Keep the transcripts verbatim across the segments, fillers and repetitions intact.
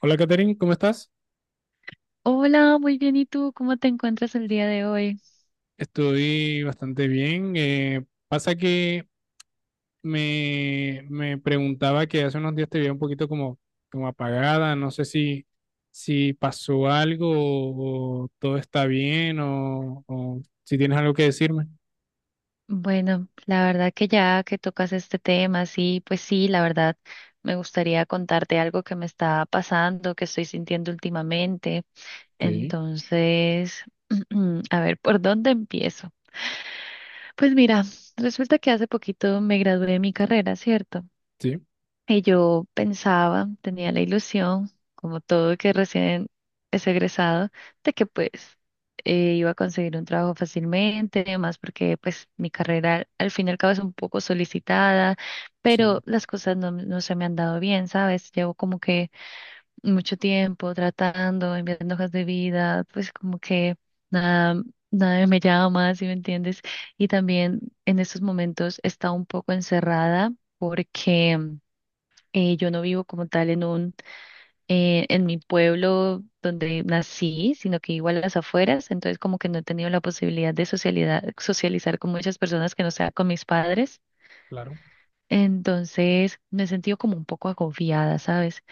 Hola, Katherine, ¿cómo estás? Hola, muy bien. ¿Y tú cómo te encuentras el día de hoy? Estoy bastante bien. Eh, pasa que me, me preguntaba que hace unos días te veía un poquito como, como apagada. No sé si, si pasó algo o, o todo está bien o, o si tienes algo que decirme. Bueno, la verdad que ya que tocas este tema, sí, pues sí, la verdad me gustaría contarte algo que me está pasando, que estoy sintiendo últimamente. Ok, Entonces, a ver, ¿por dónde empiezo? Pues mira, resulta que hace poquito me gradué de mi carrera, ¿cierto? sí, Y yo pensaba, tenía la ilusión, como todo que recién es egresado, de que pues eh, iba a conseguir un trabajo fácilmente, además porque pues mi carrera al fin y al cabo es un poco solicitada, sí, pero las cosas no, no se me han dado bien, ¿sabes? Llevo como que mucho tiempo tratando, enviando hojas de vida, pues como que nada, nadie me llama, ¿si me entiendes? Y también en estos momentos he estado un poco encerrada porque... Eh, yo no vivo como tal en un, eh, en mi pueblo donde nací, sino que igual a las afueras, entonces como que no he tenido la posibilidad de socialidad, socializar con muchas personas que no sea con mis padres. claro. Entonces me he sentido como un poco agobiada, ¿sabes?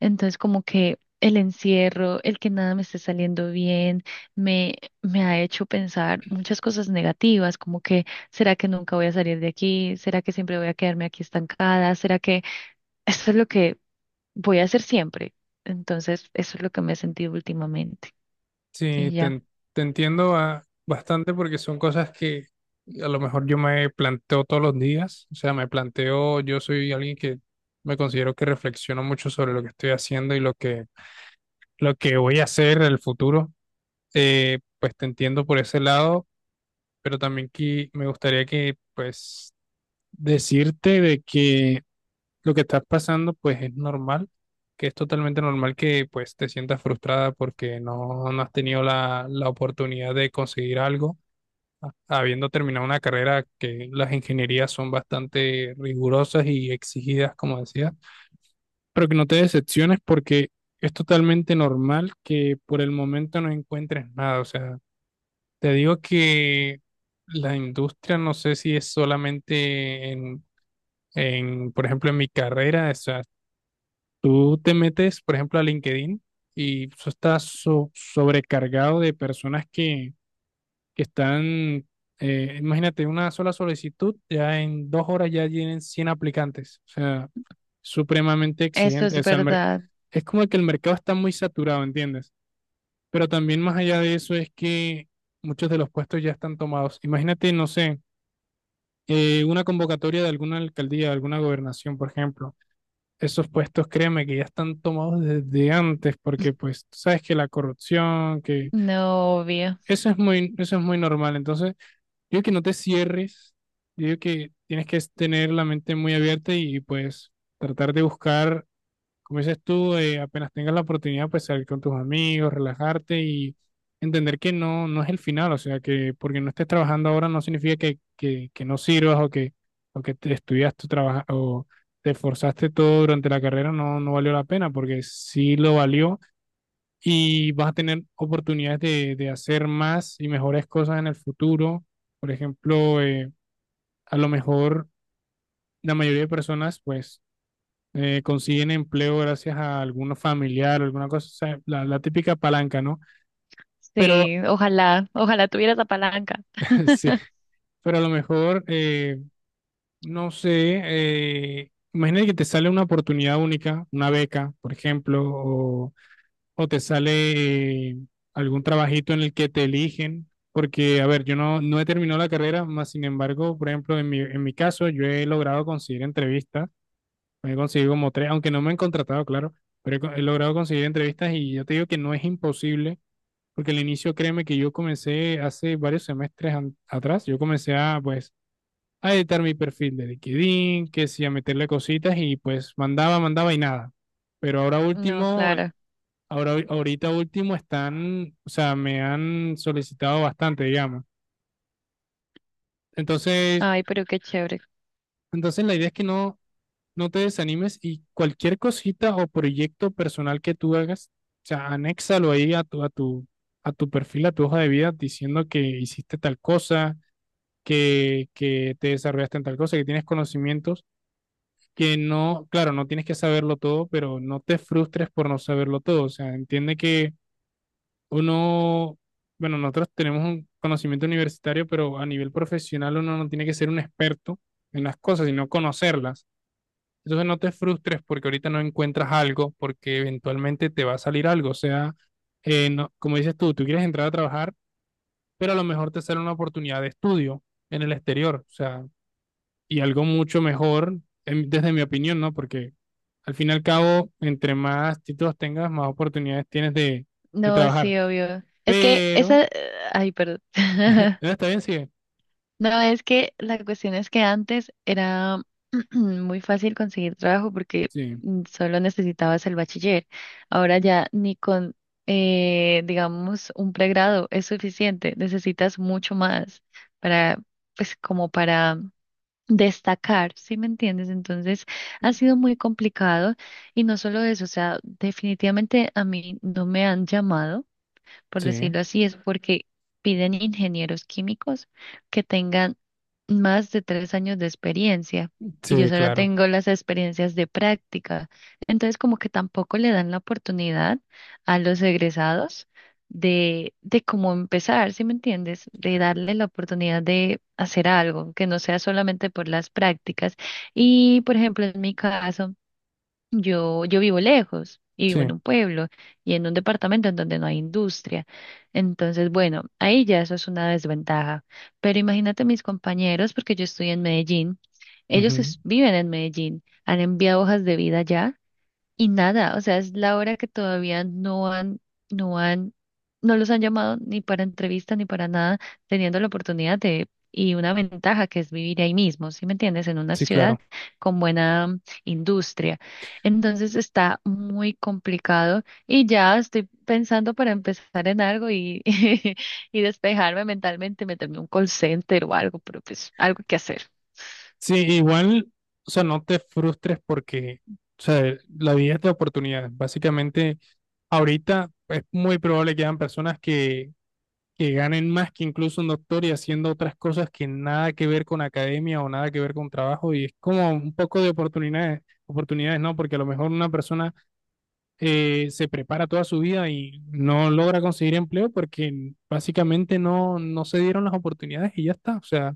Entonces como que el encierro, el que nada me esté saliendo bien, me, me ha hecho pensar muchas cosas negativas, como que ¿será que nunca voy a salir de aquí? ¿Será que siempre voy a quedarme aquí estancada? ¿Será que esto es lo que voy a hacer siempre? Entonces, eso es lo que me he sentido últimamente. Sí, Y te, ya, en- Te entiendo, ah, bastante, porque son cosas que a lo mejor yo me planteo todos los días. O sea, me planteo, yo soy alguien que me considero que reflexiono mucho sobre lo que estoy haciendo y lo que, lo que voy a hacer en el futuro. Eh, pues te entiendo por ese lado, pero también que me gustaría que, pues, decirte de que lo que estás pasando, pues es normal, que es totalmente normal que pues te sientas frustrada porque no, no has tenido la, la oportunidad de conseguir algo, a- habiendo terminado una carrera, que las ingenierías son bastante rigurosas y exigidas, como decía, pero que no te decepciones porque es totalmente normal que por el momento no encuentres nada. O sea, te digo que la industria, no sé si es solamente en en, por ejemplo, en mi carrera. O sea, tú te metes, por ejemplo, a LinkedIn y eso está so- sobrecargado de personas que, que están, eh, imagínate, una sola solicitud, ya en dos horas ya tienen cien aplicantes. O sea, supremamente eso exigente. es O sea, el mer- verdad, es como que el mercado está muy saturado, ¿entiendes? Pero también más allá de eso es que muchos de los puestos ya están tomados. Imagínate, no sé, eh, una convocatoria de alguna alcaldía, de alguna gobernación, por ejemplo, esos puestos, créeme que ya están tomados desde antes, porque pues tú sabes que la corrupción, que no obvio. eso es muy, eso es muy normal. Entonces, yo digo que no te cierres, yo digo que tienes que tener la mente muy abierta y pues tratar de buscar, como dices tú, eh, apenas tengas la oportunidad, pues salir con tus amigos, relajarte y entender que no, no es el final. O sea, que porque no estés trabajando ahora no significa que, que, que no sirvas, o que, o que te estudias tu trabajo, o te esforzaste todo durante la carrera, no, no valió la pena, porque sí lo valió, y vas a tener oportunidades de, de hacer más y mejores cosas en el futuro. Por ejemplo, eh, a lo mejor la mayoría de personas, pues eh, consiguen empleo gracias a alguno familiar o alguna cosa. O sea, la, la típica palanca, ¿no? Pero Sí, ojalá, ojalá tuviera esa palanca. sí, pero a lo mejor, eh, no sé, eh, imagínate que te sale una oportunidad única, una beca, por ejemplo, o, o te sale eh, algún trabajito en el que te eligen. Porque, a ver, yo no, no he terminado la carrera, más sin embargo, por ejemplo, en mi, en mi caso, yo he logrado conseguir entrevistas. He conseguido como tres, aunque no me han contratado, claro, pero he, co- he logrado conseguir entrevistas, y yo te digo que no es imposible, porque al inicio, créeme que yo comencé hace varios semestres an- atrás, yo comencé a, pues, a editar mi perfil de LinkedIn, que sí, a meterle cositas y pues mandaba, mandaba y nada. Pero ahora No, último, eh, claro. ahora, ahorita último están, o sea, me han solicitado bastante, digamos. Entonces, Ay, pero qué chévere. entonces la idea es que no, no te desanimes, y cualquier cosita o proyecto personal que tú hagas, o sea, anéxalo ahí a tu, a tu, a tu perfil, a tu hoja de vida, diciendo que hiciste tal cosa, que, que te desarrollaste en tal cosa, que tienes conocimientos, que no, claro, no tienes que saberlo todo, pero no te frustres por no saberlo todo. O sea, entiende que uno, bueno, nosotros tenemos un conocimiento universitario, pero a nivel profesional uno no tiene que ser un experto en las cosas, sino conocerlas. Entonces no te frustres porque ahorita no encuentras algo, porque eventualmente te va a salir algo. O sea, eh, no- como dices tú, tú quieres entrar a trabajar, pero a lo mejor te sale una oportunidad de estudio en el exterior. O sea, y algo mucho mejor, en- desde mi opinión, ¿no? Porque al fin y al cabo, entre más títulos tengas, más oportunidades tienes de, de No, trabajar. sí, obvio. Es que Pero, esa, ay, perdón. eh, ¿está bien? Sí, No, es que la cuestión es que antes era muy fácil conseguir trabajo porque sí, mm, solo necesitabas el bachiller. Ahora ya ni con, eh, digamos, un pregrado es suficiente. Necesitas mucho más para, pues, como para destacar, ¿sí me entiendes? Entonces ha sido muy complicado y no solo eso, o sea, definitivamente a mí no me han llamado por sí, decirlo así, es porque piden ingenieros químicos que tengan más de tres años de experiencia y yo sí, solo claro, tengo las experiencias de práctica. Entonces, como que tampoco le dan la oportunidad a los egresados de, de cómo empezar, ¿sí me entiendes? De darle la oportunidad de hacer algo, que no sea solamente por las prácticas. Y, por ejemplo, en mi caso, yo, yo vivo lejos y vivo sí, en un pueblo y en un departamento en donde no hay industria. Entonces, bueno, ahí ya eso es una desventaja. Pero imagínate mis compañeros, porque yo estoy en Medellín, ellos ujú, es- viven en Medellín, han enviado hojas de vida ya y nada, o sea, es la hora que todavía no han, no han, no los han llamado ni para entrevista ni para nada, teniendo la oportunidad de, y una ventaja que es vivir ahí mismo, ¿sí me entiendes? En una sí, ciudad claro. con buena mm, industria. Entonces está muy complicado y ya estoy pensando para empezar en algo y, y despejarme mentalmente, meterme en un call center o algo, pero pues algo que hacer. Sí, igual, o sea, no te frustres porque, o sea, la vida es de oportunidades. Básicamente, ahorita es muy probable que hayan personas que, que ganen más que incluso un doctor, y haciendo otras cosas que nada que ver con academia o nada que ver con trabajo. Y es como un poco de oportunidades, oportunidades, ¿no? Porque a lo mejor una persona eh, se prepara toda su vida y no logra conseguir empleo porque básicamente no, no se dieron las oportunidades y ya está. O sea,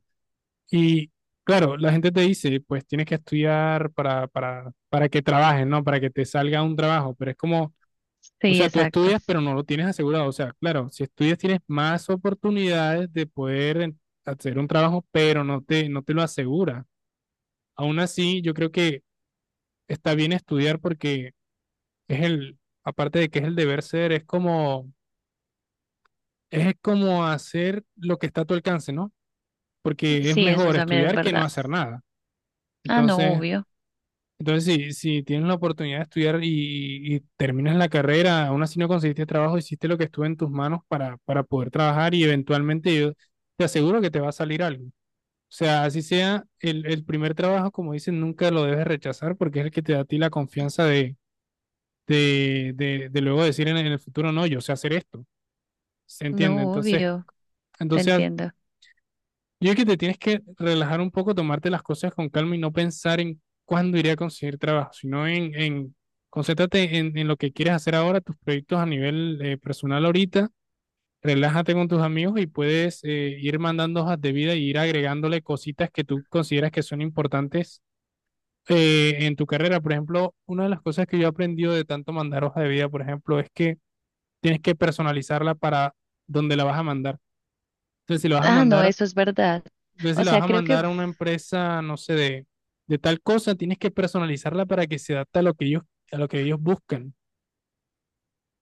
y claro, la gente te dice, pues tienes que estudiar para, para, para que trabajes, ¿no? Para que te salga un trabajo, pero es como, o Sí, sea, tú exacto. estudias, pero no lo tienes asegurado. O sea, claro, si estudias tienes más oportunidades de poder en- hacer un trabajo, pero no te, no te lo asegura. Aún así, yo creo que está bien estudiar, porque es el, aparte de que es el deber ser, es como, es como hacer lo que está a tu alcance, ¿no? Porque es Sí, eso mejor también es estudiar que no verdad. hacer nada. Ah, no, Entonces, obvio. entonces, si, si tienes la oportunidad de estudiar y, y terminas la carrera, aún así no conseguiste trabajo, hiciste lo que estuvo en tus manos para, para poder trabajar, y eventualmente yo te aseguro que te va a salir algo. O sea, así sea el, el primer trabajo, como dicen, nunca lo debes rechazar, porque es el que te da a ti la confianza de, de, de, de luego decir en, en el futuro, no, yo sé hacer esto. ¿Se entiende? No, Entonces, obvio, te entonces, entiendo. yo creo que te tienes que relajar un poco, tomarte las cosas con calma y no pensar en cuándo iré a conseguir trabajo, sino en, en concéntrate en, en lo que quieres hacer ahora, tus proyectos a nivel eh, personal ahorita, relájate con tus amigos y puedes eh, ir mandando hojas de vida y ir agregándole cositas que tú consideras que son importantes eh, en tu carrera. Por ejemplo, una de las cosas que yo he aprendido de tanto mandar hoja de vida, por ejemplo, es que tienes que personalizarla para donde la vas a mandar. Entonces, si la vas a Ah, no, mandar, eso es verdad. entonces, si O la vas sea, a creo que mandar a una empresa, no sé, de, de tal cosa, tienes que personalizarla para que se adapte a lo que ellos, a lo que ellos buscan.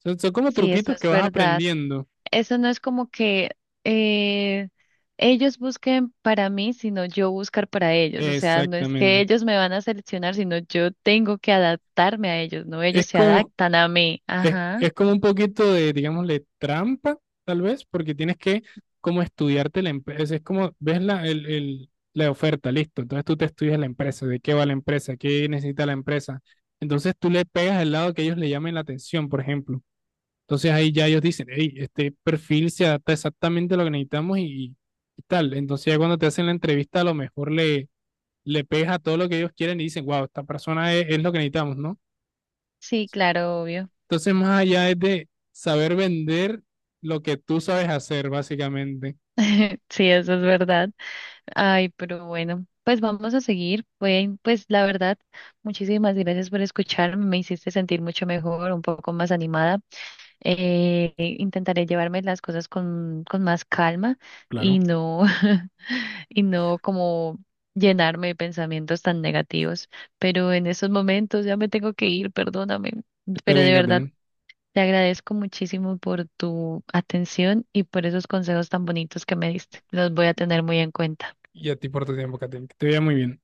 Son, son como sí, eso truquitos que es vas verdad. aprendiendo. Eso no es como que eh, ellos busquen para mí, sino yo buscar para ellos. O sea, no es que Exactamente. ellos me van a seleccionar, sino yo tengo que adaptarme a ellos, no ellos Es se como, adaptan a mí. es, Ajá. es como un poquito de, digámosle, trampa, tal vez, porque tienes que como estudiarte la empresa. Es como, ves la, el, el- la oferta, listo. Entonces tú te estudias la empresa, de qué va la empresa, qué necesita la empresa. Entonces tú le pegas al lado que ellos le llamen la atención, por ejemplo. Entonces ahí ya ellos dicen, hey, este perfil se adapta exactamente a lo que necesitamos, y, y tal. Entonces ya cuando te hacen la entrevista a lo mejor le, le pega todo lo que ellos quieren y dicen, wow, esta persona es, es lo que necesitamos, ¿no? Sí, claro, obvio. Entonces más allá es de saber vender lo que tú sabes hacer, básicamente. Sí, eso es verdad. Ay, pero bueno, pues vamos a seguir. Bueno, pues la verdad, muchísimas gracias por escucharme. Me hiciste sentir mucho mejor, un poco más animada. Eh, intentaré llevarme las cosas con, con más calma Claro, y no, y no como llenarme de pensamientos tan negativos. Pero en estos momentos ya me tengo que ir, perdóname. está Pero bien, de verdad, Catherine. te agradezco muchísimo por tu atención y por esos consejos tan bonitos que me diste. Los voy a tener muy en cuenta. Y a ti por tu tiempo, Catherine. Que te vea muy bien.